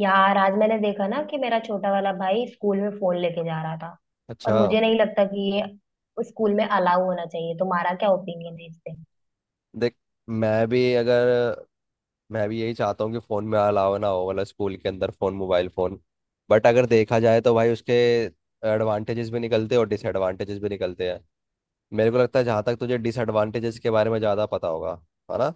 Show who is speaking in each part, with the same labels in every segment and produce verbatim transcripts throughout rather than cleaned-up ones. Speaker 1: यार, आज मैंने देखा ना कि मेरा छोटा वाला भाई स्कूल में फोन लेके जा रहा था। और
Speaker 2: अच्छा।
Speaker 1: मुझे नहीं लगता कि ये उस स्कूल में अलाउ होना चाहिए। तुम्हारा क्या ओपिनियन है इस पे?
Speaker 2: देख, मैं भी अगर मैं भी यही चाहता हूँ कि फ़ोन में अलावा ना हो, मतलब स्कूल के अंदर फ़ोन, मोबाइल फ़ोन। बट अगर देखा जाए तो भाई उसके एडवांटेजेस भी निकलते हैं और डिसएडवांटेजेस भी निकलते हैं। मेरे को लगता है, जहाँ तक तुझे डिसएडवांटेजेस के बारे में ज़्यादा पता होगा। है ना।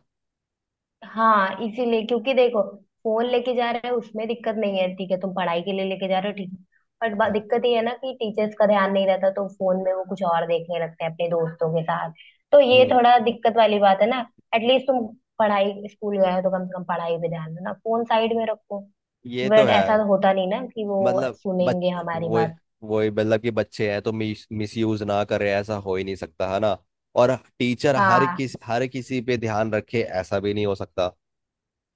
Speaker 1: हाँ, इसीलिए, क्योंकि देखो, फोन लेके जा रहे हो उसमें दिक्कत नहीं है, ठीक है, तुम पढ़ाई के लिए लेके जा रहे हो, ठीक है। बट बा-
Speaker 2: हाँ।
Speaker 1: दिक्कत ये है ना कि टीचर्स का ध्यान नहीं रहता तो फोन में वो कुछ और देखने लगते हैं अपने दोस्तों के साथ। तो ये
Speaker 2: हम्म।
Speaker 1: थोड़ा दिक्कत वाली बात है ना। एटलीस्ट तुम पढ़ाई स्कूल गए हो तो कम से कम पढ़ाई पे ध्यान दो ना, फोन साइड में रखो।
Speaker 2: ये तो
Speaker 1: बट
Speaker 2: है।
Speaker 1: ऐसा तो होता नहीं ना कि वो
Speaker 2: मतलब बच
Speaker 1: सुनेंगे हमारी
Speaker 2: वो
Speaker 1: बात।
Speaker 2: वो मतलब कि बच्चे हैं तो मिस मिस यूज ना करें, ऐसा हो ही नहीं सकता। है ना। और टीचर हर
Speaker 1: हाँ,
Speaker 2: किस हर किसी पे ध्यान रखे, ऐसा भी नहीं हो सकता।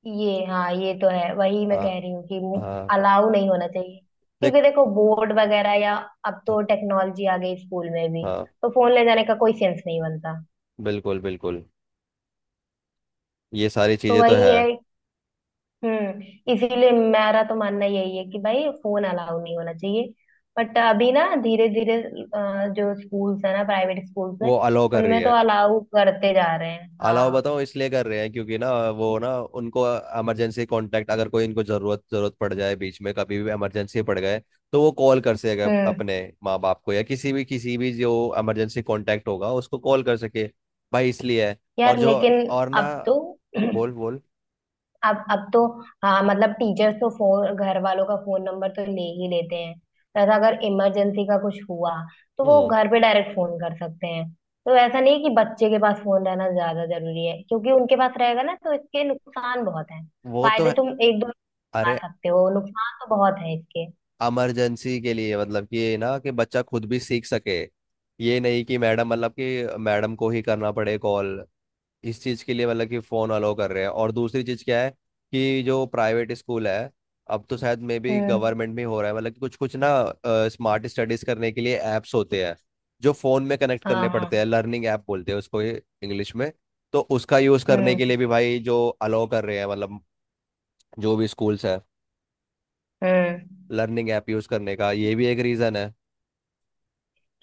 Speaker 1: ये, हाँ ये तो है, वही मैं
Speaker 2: हाँ।
Speaker 1: कह रही हूँ कि
Speaker 2: हाँ।
Speaker 1: अलाउ नहीं होना चाहिए
Speaker 2: देख।
Speaker 1: क्योंकि देखो, बोर्ड वगैरह या अब तो टेक्नोलॉजी आ गई स्कूल में भी,
Speaker 2: हाँ।
Speaker 1: तो फोन ले जाने का कोई सेंस नहीं बनता।
Speaker 2: बिल्कुल बिल्कुल। ये सारी
Speaker 1: तो
Speaker 2: चीजें तो
Speaker 1: वही
Speaker 2: है।
Speaker 1: है। हम्म, इसीलिए मेरा तो मानना यही है कि भाई फोन अलाउ नहीं होना चाहिए। बट अभी ना धीरे धीरे अ, जो स्कूल्स है ना, प्राइवेट स्कूल्स है
Speaker 2: वो अलाउ कर रही
Speaker 1: उनमें तो
Speaker 2: है।
Speaker 1: अलाउ करते जा रहे हैं।
Speaker 2: अलाउ
Speaker 1: हाँ।
Speaker 2: बताओ इसलिए कर रहे हैं क्योंकि ना, वो ना, उनको इमरजेंसी कांटेक्ट, अगर कोई इनको जरूरत जरूरत पड़ जाए बीच में कभी भी, इमरजेंसी पड़ गए तो वो कॉल कर सकेगा
Speaker 1: हम्म।
Speaker 2: अपने माँ बाप को, या किसी भी किसी भी जो इमरजेंसी कांटेक्ट होगा उसको कॉल कर सके। भाई इसलिए है। और
Speaker 1: यार
Speaker 2: जो,
Speaker 1: लेकिन
Speaker 2: और ना।
Speaker 1: अब तो
Speaker 2: बोल बोल।
Speaker 1: अब अब तो हाँ, मतलब टीचर्स तो फोन, घर वालों का फोन नंबर तो ले ही लेते हैं तथा अगर इमरजेंसी का कुछ हुआ तो वो
Speaker 2: हम्म।
Speaker 1: घर पे डायरेक्ट फोन कर सकते हैं। तो ऐसा नहीं है कि बच्चे के पास फोन रहना ज्यादा जरूरी है, क्योंकि उनके पास रहेगा ना तो इसके नुकसान बहुत हैं।
Speaker 2: वो तो
Speaker 1: फायदे
Speaker 2: है।
Speaker 1: तुम एक दो आ
Speaker 2: अरे,
Speaker 1: सकते हो, नुकसान तो बहुत है इसके।
Speaker 2: इमरजेंसी के लिए मतलब कि ये, ना कि बच्चा खुद भी सीख सके, ये नहीं कि मैडम, मतलब कि मैडम को ही करना पड़े कॉल, इस चीज़ के लिए मतलब कि फ़ोन अलाउ कर रहे हैं। और दूसरी चीज़ क्या है, कि जो प्राइवेट स्कूल है, अब तो शायद मे बी
Speaker 1: हम्म।
Speaker 2: गवर्नमेंट में हो रहा है, मतलब कि कुछ कुछ ना, स्मार्ट स्टडीज़ करने के लिए ऐप्स होते हैं जो फ़ोन में कनेक्ट
Speaker 1: हाँ,
Speaker 2: करने
Speaker 1: हाँ।
Speaker 2: पड़ते हैं, लर्निंग ऐप बोलते हैं उसको इंग्लिश में। तो उसका यूज़ करने
Speaker 1: हम्म।
Speaker 2: के लिए भी भाई जो अलाउ कर रहे हैं, मतलब जो भी स्कूल्स हैं,
Speaker 1: हम्म।
Speaker 2: लर्निंग ऐप यूज़ करने का ये भी एक रीज़न है।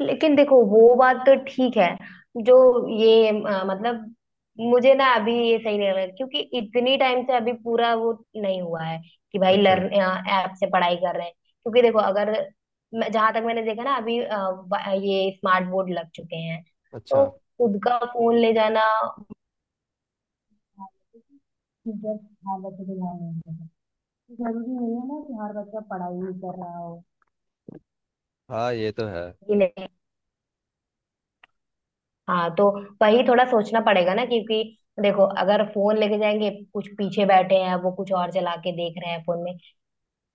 Speaker 1: लेकिन देखो वो बात तो ठीक है, जो ये अ, मतलब, मुझे ना अभी ये सही नहीं लग रहा क्योंकि इतनी टाइम से अभी पूरा वो नहीं हुआ है कि भाई
Speaker 2: अच्छा।
Speaker 1: लर्न ऐप से पढ़ाई कर रहे हैं। क्योंकि देखो, अगर मैं- जहाँ तक मैंने देखा ना अभी अ, ब- ये स्मार्ट बोर्ड लग चुके हैं। तो
Speaker 2: अच्छा।
Speaker 1: खुद का फोन ले जाना जरूरी नहीं है ना कि हर बच्चा पढ़ाई ही कर रहा
Speaker 2: हाँ, ये तो है।
Speaker 1: हो। हाँ, तो वही थोड़ा सोचना पड़ेगा ना, क्योंकि देखो, अगर फोन लेके जाएंगे, कुछ पीछे बैठे हैं, वो कुछ और चला के देख रहे हैं फोन में।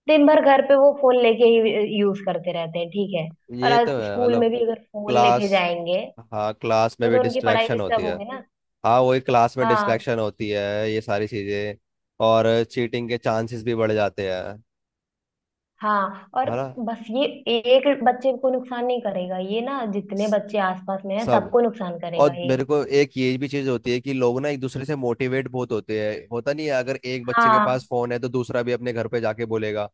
Speaker 1: दिन भर घर पे वो फोन लेके ही यूज करते रहते हैं, ठीक है। और
Speaker 2: ये
Speaker 1: आज
Speaker 2: तो है,
Speaker 1: स्कूल
Speaker 2: मतलब
Speaker 1: में भी अगर फोन
Speaker 2: क्लास
Speaker 1: लेके जाएंगे,
Speaker 2: हाँ, क्लास में
Speaker 1: तो,
Speaker 2: भी
Speaker 1: तो उनकी पढ़ाई
Speaker 2: डिस्ट्रैक्शन होती
Speaker 1: डिस्टर्ब
Speaker 2: है।
Speaker 1: होगी ना।
Speaker 2: हाँ, वही, क्लास में
Speaker 1: हाँ,
Speaker 2: डिस्ट्रैक्शन होती है। ये सारी चीज़ें, और चीटिंग के चांसेस भी बढ़ जाते हैं।
Speaker 1: हाँ, और
Speaker 2: है ना।
Speaker 1: बस ये, एक बच्चे को नुकसान नहीं करेगा ये ना, जितने
Speaker 2: स-
Speaker 1: बच्चे आसपास में हैं
Speaker 2: सब।
Speaker 1: सबको नुकसान करेगा
Speaker 2: और
Speaker 1: ये।
Speaker 2: मेरे को एक ये भी चीज़ होती है कि लोग ना एक दूसरे से मोटिवेट बहुत होते हैं, होता नहीं है, अगर एक बच्चे के
Speaker 1: हाँ,
Speaker 2: पास फ़ोन है तो दूसरा भी अपने घर पे जाके बोलेगा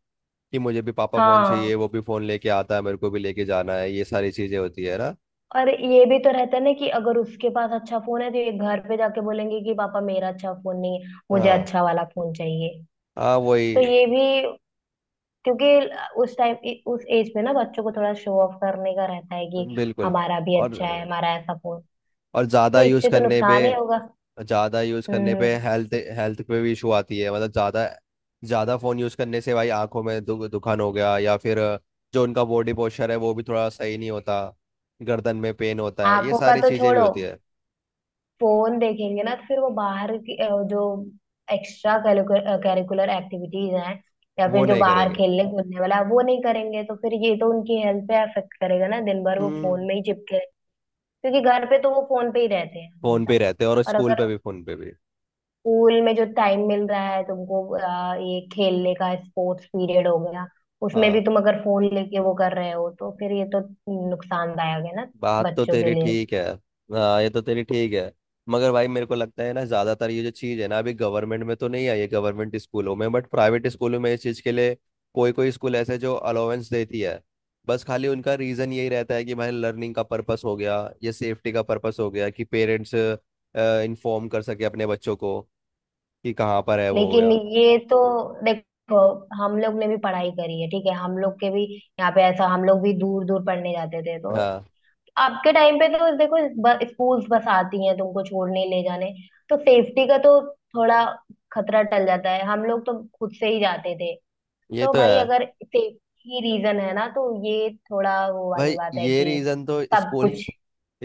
Speaker 2: कि मुझे भी पापा फ़ोन चाहिए,
Speaker 1: हाँ।
Speaker 2: वो भी फ़ोन लेके आता है, मेरे को भी लेके जाना है, ये सारी चीज़ें होती है ना।
Speaker 1: और ये भी तो रहता है ना कि अगर उसके पास अच्छा फोन है तो ये घर पे जाके बोलेंगे कि पापा मेरा अच्छा फोन नहीं है, मुझे
Speaker 2: हाँ,
Speaker 1: अच्छा वाला फोन चाहिए।
Speaker 2: हाँ,
Speaker 1: तो
Speaker 2: वही।
Speaker 1: ये भी, क्योंकि उस टाइम, उस एज में ना बच्चों को थोड़ा शो ऑफ करने का रहता है कि
Speaker 2: बिल्कुल।
Speaker 1: हमारा भी
Speaker 2: और
Speaker 1: अच्छा है, हमारा ऐसा फोन।
Speaker 2: और
Speaker 1: तो
Speaker 2: ज़्यादा यूज़
Speaker 1: इससे तो
Speaker 2: करने पे,
Speaker 1: नुकसान ही होगा।
Speaker 2: ज़्यादा यूज़ करने पे
Speaker 1: हम्म।
Speaker 2: हेल्थ हेल्थ पे भी इशू आती है, मतलब ज़्यादा, ज़्यादा फ़ोन यूज़ करने से भाई आंखों में दु, दुखान हो गया, या फिर जो उनका बॉडी पोस्चर है वो भी थोड़ा सही नहीं होता, गर्दन में पेन होता है, ये
Speaker 1: आंखों का
Speaker 2: सारी
Speaker 1: तो
Speaker 2: चीज़ें भी
Speaker 1: छोड़ो,
Speaker 2: होती है।
Speaker 1: फोन देखेंगे ना तो फिर वो बाहर की अ, जो एक्स्ट्रा करिकुलर एक्टिविटीज हैं, या
Speaker 2: वो
Speaker 1: फिर जो
Speaker 2: नहीं
Speaker 1: बाहर
Speaker 2: करेंगे।
Speaker 1: खेलने कूदने वाला है वो नहीं करेंगे, तो फिर ये तो उनकी हेल्थ पे अफेक्ट करेगा ना, दिन भर वो
Speaker 2: हम्म।
Speaker 1: फोन में ही चिपके, क्योंकि घर पे तो वो फोन पे ही रहते हैं
Speaker 2: फ़ोन पे ही
Speaker 1: हमेशा।
Speaker 2: रहते हैं, और
Speaker 1: और
Speaker 2: स्कूल पे
Speaker 1: अगर
Speaker 2: भी, फ़ोन पे भी।
Speaker 1: स्कूल में जो टाइम मिल रहा है तुमको, अ, ये खेलने का स्पोर्ट्स पीरियड हो गया, उसमें भी
Speaker 2: हाँ,
Speaker 1: तुम अगर फोन लेके वो कर रहे हो तो फिर ये तो नुकसानदायक है ना
Speaker 2: बात तो
Speaker 1: बच्चों के
Speaker 2: तेरी
Speaker 1: लिए।
Speaker 2: ठीक है। हाँ, ये तो तेरी ठीक है। मगर भाई मेरे को लगता है ना, ज्यादातर ये जो चीज है ना अभी गवर्नमेंट में तो नहीं आई है, गवर्नमेंट स्कूलों में, बट प्राइवेट स्कूलों में इस चीज के लिए कोई कोई स्कूल ऐसे जो अलाउंस देती है। बस खाली उनका रीजन यही रहता है कि भाई लर्निंग का पर्पस हो गया, या सेफ्टी का पर्पस हो गया कि पेरेंट्स इन्फॉर्म कर सके अपने बच्चों को कि कहाँ पर है वो,
Speaker 1: लेकिन
Speaker 2: या।
Speaker 1: ये तो, देखो, हम लोग ने भी पढ़ाई करी है, ठीक है, हम लोग के भी यहाँ पे ऐसा, हम लोग भी दूर दूर पढ़ने जाते थे तो
Speaker 2: हाँ,
Speaker 1: आपके टाइम पे तो देखो, ब- स्कूल्स बस आती हैं तुमको छोड़ने ले जाने, तो सेफ्टी का तो थोड़ा खतरा टल जाता है। हम लोग तो खुद से ही जाते थे
Speaker 2: ये
Speaker 1: तो
Speaker 2: तो
Speaker 1: भाई
Speaker 2: है
Speaker 1: अगर सेफ्टी रीजन है ना तो ये थोड़ा वो वाली
Speaker 2: भाई।
Speaker 1: बात है
Speaker 2: ये
Speaker 1: कि
Speaker 2: रीजन तो
Speaker 1: सब जी
Speaker 2: स्कूल
Speaker 1: कुछ।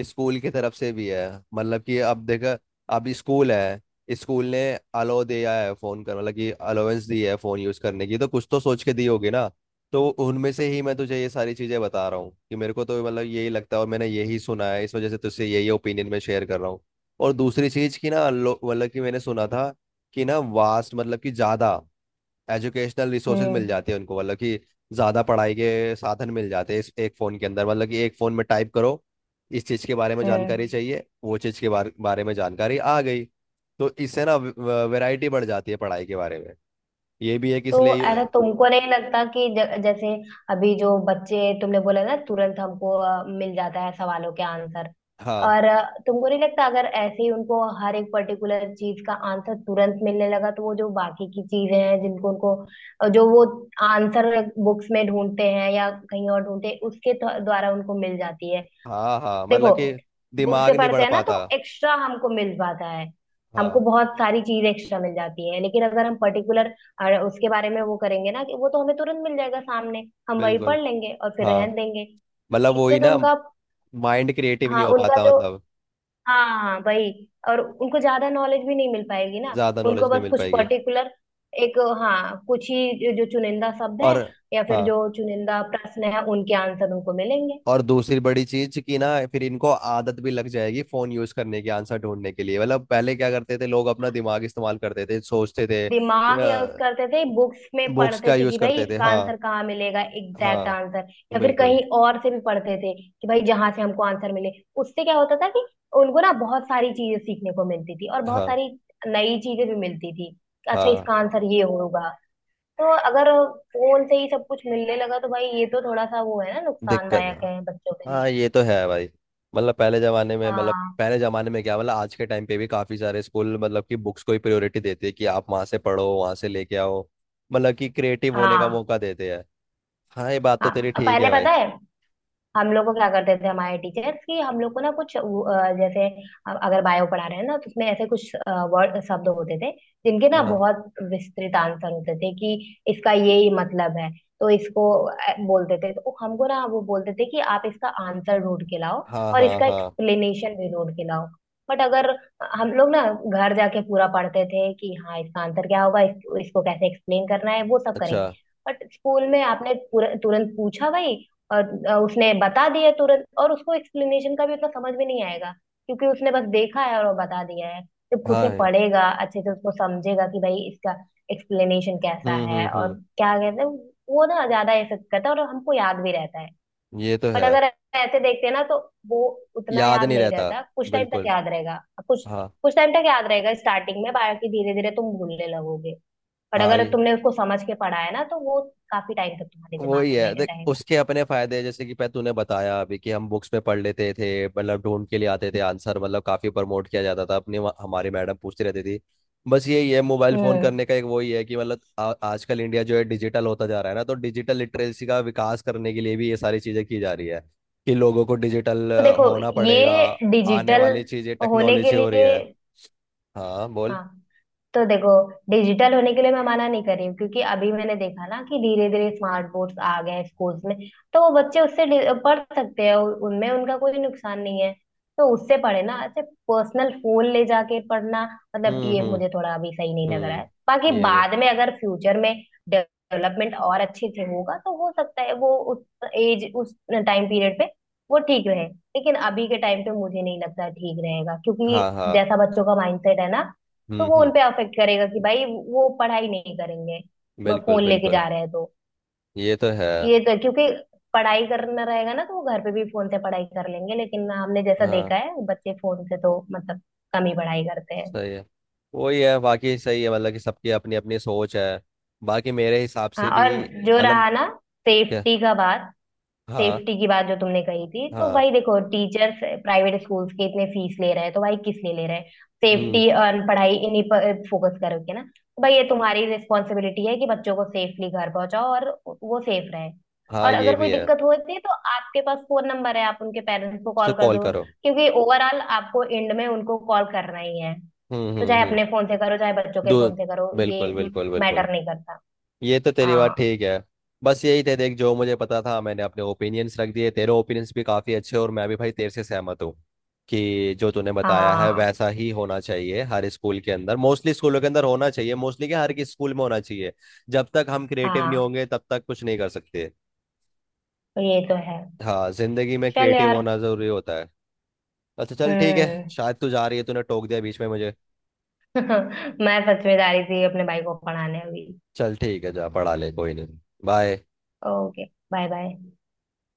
Speaker 2: स्कूल की तरफ से भी है। मतलब कि अब देखा, अब स्कूल है, स्कूल ने अलो दिया है फोन कर, मतलब कि अलोवेंस दी है फोन यूज करने की, तो कुछ तो सोच के दी होगी ना। तो उनमें से ही मैं तुझे ये सारी चीजें बता रहा हूँ कि मेरे को तो मतलब यही लगता है और मैंने यही सुना है, इस वजह से तुझसे यही ओपिनियन मैं शेयर कर रहा हूँ। और दूसरी चीज की ना, लो- मतलब कि मैंने सुना था कि ना वास्ट, मतलब कि ज्यादा एजुकेशनल रिसोर्सेज मिल
Speaker 1: हम्म।
Speaker 2: जाते हैं उनको, मतलब कि ज़्यादा पढ़ाई के साधन मिल जाते हैं इस एक फ़ोन के अंदर। मतलब कि एक फ़ोन में टाइप करो इस चीज़ के बारे में जानकारी
Speaker 1: हम्म।
Speaker 2: चाहिए, वो चीज़ के बारे बारे में जानकारी आ गई। तो इससे ना वैरायटी बढ़ जाती है पढ़ाई के बारे में। ये भी है कि
Speaker 1: तो
Speaker 2: इसलिए अ,
Speaker 1: अरे, तुमको नहीं लगता कि ज, जैसे अभी जो बच्चे तुमने बोला ना, तुरंत हमको अ, मिल जाता है सवालों के आंसर,
Speaker 2: हाँ,
Speaker 1: और अ, तुमको नहीं लगता अगर ऐसे ही उनको हर एक पर्टिकुलर चीज का आंसर तुरंत मिलने लगा, तो वो जो बाकी की चीजें हैं जिनको उनको अ, जो वो आंसर बुक्स में ढूंढते हैं या कहीं और ढूंढते हैं उसके द्व- द्वारा उनको मिल जाती है।
Speaker 2: हाँ, हाँ। मतलब
Speaker 1: देखो,
Speaker 2: कि
Speaker 1: बुक से
Speaker 2: दिमाग नहीं
Speaker 1: पढ़ते
Speaker 2: बढ़
Speaker 1: हैं ना तो
Speaker 2: पाता।
Speaker 1: एक्स्ट्रा हमको मिल पाता है, हमको
Speaker 2: हाँ।
Speaker 1: बहुत सारी चीज एक्स्ट्रा मिल जाती है। लेकिन अगर हम पर्टिकुलर उसके बारे में वो करेंगे ना, कि वो तो हमें तुरंत मिल जाएगा सामने, हम वही
Speaker 2: बिल्कुल।
Speaker 1: पढ़ लेंगे और फिर
Speaker 2: हाँ,
Speaker 1: रहन देंगे।
Speaker 2: मतलब
Speaker 1: इससे
Speaker 2: वही
Speaker 1: तो
Speaker 2: ना।
Speaker 1: उनका,
Speaker 2: माइंड क्रिएटिव
Speaker 1: हाँ
Speaker 2: नहीं हो
Speaker 1: उनका
Speaker 2: पाता,
Speaker 1: जो,
Speaker 2: मतलब।
Speaker 1: हाँ हाँ वही, और उनको ज्यादा नॉलेज भी नहीं मिल पाएगी ना।
Speaker 2: ज़्यादा
Speaker 1: उनको
Speaker 2: नॉलेज नहीं
Speaker 1: बस
Speaker 2: मिल
Speaker 1: कुछ
Speaker 2: पाएगी।
Speaker 1: पर्टिकुलर, एक, हाँ, कुछ ही जो चुनिंदा शब्द
Speaker 2: और।
Speaker 1: है या फिर
Speaker 2: हाँ।
Speaker 1: जो चुनिंदा प्रश्न है उनके आंसर उनको मिलेंगे।
Speaker 2: और दूसरी बड़ी चीज कि ना, फिर इनको आदत भी लग जाएगी फोन यूज करने की, आंसर ढूंढने के लिए। मतलब पहले क्या करते थे लोग, अपना दिमाग इस्तेमाल करते थे, सोचते थे,
Speaker 1: दिमाग
Speaker 2: या
Speaker 1: यूज करते थे, बुक्स में
Speaker 2: बुक्स
Speaker 1: पढ़ते
Speaker 2: का
Speaker 1: थे
Speaker 2: यूज
Speaker 1: कि भाई
Speaker 2: करते थे।
Speaker 1: इसका
Speaker 2: हाँ।
Speaker 1: आंसर कहाँ मिलेगा, एग्जैक्ट
Speaker 2: हाँ।
Speaker 1: आंसर, या फिर
Speaker 2: बिल्कुल।
Speaker 1: कहीं और से भी पढ़ते थे कि भाई जहां से हमको आंसर मिले। उससे क्या होता था कि उनको ना बहुत सारी चीजें सीखने को मिलती थी और बहुत
Speaker 2: हाँ।
Speaker 1: सारी नई चीजें भी मिलती थी। अच्छा,
Speaker 2: हाँ।
Speaker 1: इसका आंसर ये होगा। तो अगर फोन से ही सब कुछ मिलने लगा तो भाई ये तो थोड़ा सा वो है ना,
Speaker 2: दिक्कत।
Speaker 1: नुकसानदायक है बच्चों के
Speaker 2: हाँ,
Speaker 1: लिए।
Speaker 2: ये तो है भाई। मतलब पहले जमाने में, मतलब
Speaker 1: हाँ।
Speaker 2: पहले जमाने में क्या, मतलब आज के टाइम पे भी काफी सारे स्कूल मतलब कि बुक्स को ही प्रायोरिटी देते हैं, कि आप वहां से पढ़ो, वहां से लेके आओ। मतलब कि क्रिएटिव होने का
Speaker 1: हाँ।
Speaker 2: मौका देते हैं। हाँ, ये बात तो
Speaker 1: हाँ,
Speaker 2: तेरी ठीक
Speaker 1: पहले
Speaker 2: है भाई।
Speaker 1: पता है हम लोग को क्या करते थे हमारे टीचर्स, कि हम लोग को ना कुछ वो, अ, जैसे अ- अगर बायो पढ़ा रहे हैं ना तो उसमें ऐसे कुछ वर्ड शब्द होते थे जिनके ना
Speaker 2: हाँ।
Speaker 1: बहुत विस्तृत आंसर होते थे कि इसका ये ही मतलब है। तो इसको अ, बोलते थे तो हमको ना वो बोलते थे कि आप इसका आंसर ढूंढ के लाओ
Speaker 2: हाँ।
Speaker 1: और
Speaker 2: हाँ।
Speaker 1: इसका
Speaker 2: हाँ।
Speaker 1: एक्सप्लेनेशन भी ढूंढ के लाओ। बट अगर हम लोग ना घर जाके पूरा पढ़ते थे कि हाँ इसका आंसर क्या होगा, इस, इसको कैसे एक्सप्लेन करना है, वो सब
Speaker 2: अच्छा।
Speaker 1: करेंगे। बट स्कूल में आपने पूरा तुरंत पूछा भाई, और अ, उसने बता दिया तुरंत और उसको एक्सप्लेनेशन का भी उतना समझ में नहीं आएगा क्योंकि उसने बस देखा है और वो बता दिया है। जब खुद
Speaker 2: हाँ,
Speaker 1: से
Speaker 2: है।
Speaker 1: पढ़ेगा अच्छे से उसको समझेगा कि भाई इसका एक्सप्लेनेशन कैसा
Speaker 2: हम्म
Speaker 1: है
Speaker 2: हम्म
Speaker 1: और
Speaker 2: हम्म।
Speaker 1: क्या कहते हैं। वो ना ज्यादा ये सब करता है और हमको याद भी रहता है।
Speaker 2: ये तो
Speaker 1: बट
Speaker 2: है।
Speaker 1: अगर ऐसे देखते हैं ना तो वो उतना
Speaker 2: याद
Speaker 1: याद
Speaker 2: नहीं
Speaker 1: नहीं
Speaker 2: रहता।
Speaker 1: रहता, कुछ टाइम तक
Speaker 2: बिल्कुल।
Speaker 1: याद रहेगा। कुछ,
Speaker 2: हाँ।
Speaker 1: कुछ टाइम तक याद रहेगा स्टार्टिंग में, बाकी धीरे धीरे तुम भूलने लगोगे। बट
Speaker 2: हाँ,
Speaker 1: अगर
Speaker 2: ये
Speaker 1: तुमने उसको समझ के पढ़ा है ना तो वो काफी टाइम तक तुम्हारे
Speaker 2: वही
Speaker 1: दिमाग
Speaker 2: है,
Speaker 1: में
Speaker 2: देख।
Speaker 1: रहेगा।
Speaker 2: उसके अपने फायदे हैं, जैसे कि पह तूने बताया अभी कि हम बुक्स में पढ़ लेते थे, मतलब ढूंढ के लिए आते थे आंसर, मतलब काफी प्रमोट किया जाता था अपने वहाँ- हमारे मैडम पूछती रहती थी। बस यही है मोबाइल फोन
Speaker 1: हम्म।
Speaker 2: करने का, एक वही है कि मतलब आ- आजकल इंडिया जो है डिजिटल होता जा रहा है ना, तो डिजिटल लिटरेसी का विकास करने के लिए भी ये सारी चीजें की जा रही है, कि लोगों को डिजिटल
Speaker 1: तो देखो,
Speaker 2: होना पड़ेगा।
Speaker 1: ये
Speaker 2: आने
Speaker 1: डिजिटल
Speaker 2: वाली चीजें
Speaker 1: होने के
Speaker 2: टेक्नोलॉजी हो रही
Speaker 1: लिए,
Speaker 2: है। हाँ, बोल।
Speaker 1: हाँ, तो देखो, डिजिटल होने के लिए मैं मना नहीं कर रही हूँ क्योंकि अभी मैंने देखा ना कि धीरे धीरे स्मार्ट बोर्ड्स आ गए हैं स्कूल्स में। तो वो बच्चे उससे डि- पढ़ सकते हैं, उ- उनमें उनका कोई नुकसान नहीं है। तो उससे पढ़े ना, ऐसे पर्सनल फोन ले जाके पढ़ना, मतलब
Speaker 2: हम्म
Speaker 1: ये
Speaker 2: हम्म
Speaker 1: मुझे थोड़ा अभी सही नहीं लग रहा है।
Speaker 2: हम्म।
Speaker 1: बाकी
Speaker 2: ये भी।
Speaker 1: बाद में अगर फ्यूचर में डेवलपमेंट और अच्छे से होगा तो हो सकता है वो उस एज, उस टाइम पीरियड पे वो ठीक रहे। लेकिन अभी के टाइम पे मुझे नहीं लगता ठीक रहेगा क्योंकि
Speaker 2: हाँ। हाँ।
Speaker 1: जैसा बच्चों का माइंडसेट है ना, तो
Speaker 2: हम्म
Speaker 1: वो
Speaker 2: हम्म।
Speaker 1: उनपे अफेक्ट करेगा कि भाई वो पढ़ाई नहीं करेंगे,
Speaker 2: बिल्कुल
Speaker 1: फोन लेके
Speaker 2: बिल्कुल।
Speaker 1: जा रहे हैं तो।
Speaker 2: ये तो है।
Speaker 1: ये तो, क्योंकि पढ़ाई करना रहेगा ना तो वो घर पे भी फोन से पढ़ाई कर लेंगे, लेकिन हमने जैसा देखा
Speaker 2: हाँ।
Speaker 1: है बच्चे फोन से तो मतलब कम ही पढ़ाई करते हैं।
Speaker 2: सही है। वही है, बाकी सही है, मतलब कि सबकी अपनी अपनी सोच है। बाकी मेरे हिसाब से
Speaker 1: हाँ,
Speaker 2: भी।
Speaker 1: और जो
Speaker 2: मतलब।
Speaker 1: रहा ना
Speaker 2: क्या।
Speaker 1: सेफ्टी का बात,
Speaker 2: हाँ।
Speaker 1: सेफ्टी की बात जो तुमने कही थी, तो
Speaker 2: हाँ।
Speaker 1: भाई देखो टीचर्स, प्राइवेट स्कूल्स के इतने फीस ले रहे हैं तो भाई किस लिए ले रहे हैं?
Speaker 2: हम्म।
Speaker 1: सेफ्टी और पढ़ाई, इन्हीं पर फोकस करोगे ना, तो भाई ये तुम्हारी रिस्पॉन्सिबिलिटी है कि बच्चों को सेफली घर पहुंचाओ और वो सेफ रहे।
Speaker 2: हाँ,
Speaker 1: और
Speaker 2: ये
Speaker 1: अगर कोई
Speaker 2: भी है।
Speaker 1: दिक्कत होती है तो आपके पास फोन नंबर है, आप उनके पेरेंट्स को
Speaker 2: उससे
Speaker 1: कॉल कर
Speaker 2: कॉल
Speaker 1: दो,
Speaker 2: करो।
Speaker 1: क्योंकि ओवरऑल आपको एंड में उनको कॉल करना ही है।
Speaker 2: हम्म
Speaker 1: तो
Speaker 2: हम्म
Speaker 1: चाहे
Speaker 2: हम्म।
Speaker 1: अपने फोन से करो, चाहे बच्चों के
Speaker 2: दो।
Speaker 1: फोन से करो, ये
Speaker 2: बिल्कुल बिल्कुल बिल्कुल।
Speaker 1: मैटर नहीं करता।
Speaker 2: ये तो तेरी बात
Speaker 1: हाँ,
Speaker 2: ठीक है। बस यही थे देख, जो मुझे पता था मैंने अपने ओपिनियंस रख दिए, तेरे ओपिनियंस भी काफ़ी अच्छे, और मैं भी भाई तेरे से सहमत हूँ कि जो तूने बताया है
Speaker 1: हाँ,
Speaker 2: वैसा ही होना चाहिए हर स्कूल के अंदर, मोस्टली स्कूलों के अंदर होना चाहिए, मोस्टली क्या, हर किसी स्कूल में होना चाहिए। जब तक हम क्रिएटिव नहीं
Speaker 1: हाँ,
Speaker 2: होंगे तब तक कुछ नहीं कर सकते।
Speaker 1: ये तो है।
Speaker 2: हाँ, जिंदगी में
Speaker 1: चल
Speaker 2: क्रिएटिव
Speaker 1: यार।
Speaker 2: होना जरूरी होता है। अच्छा चल ठीक है,
Speaker 1: हम्म।
Speaker 2: शायद तू जा रही है, तूने टोक दिया बीच में मुझे।
Speaker 1: मैं फंस में जा रही थी अपने भाई को पढ़ाने अभी।
Speaker 2: चल ठीक है, जा पढ़ा ले, कोई नहीं। बाय।
Speaker 1: ओके। Bye bye.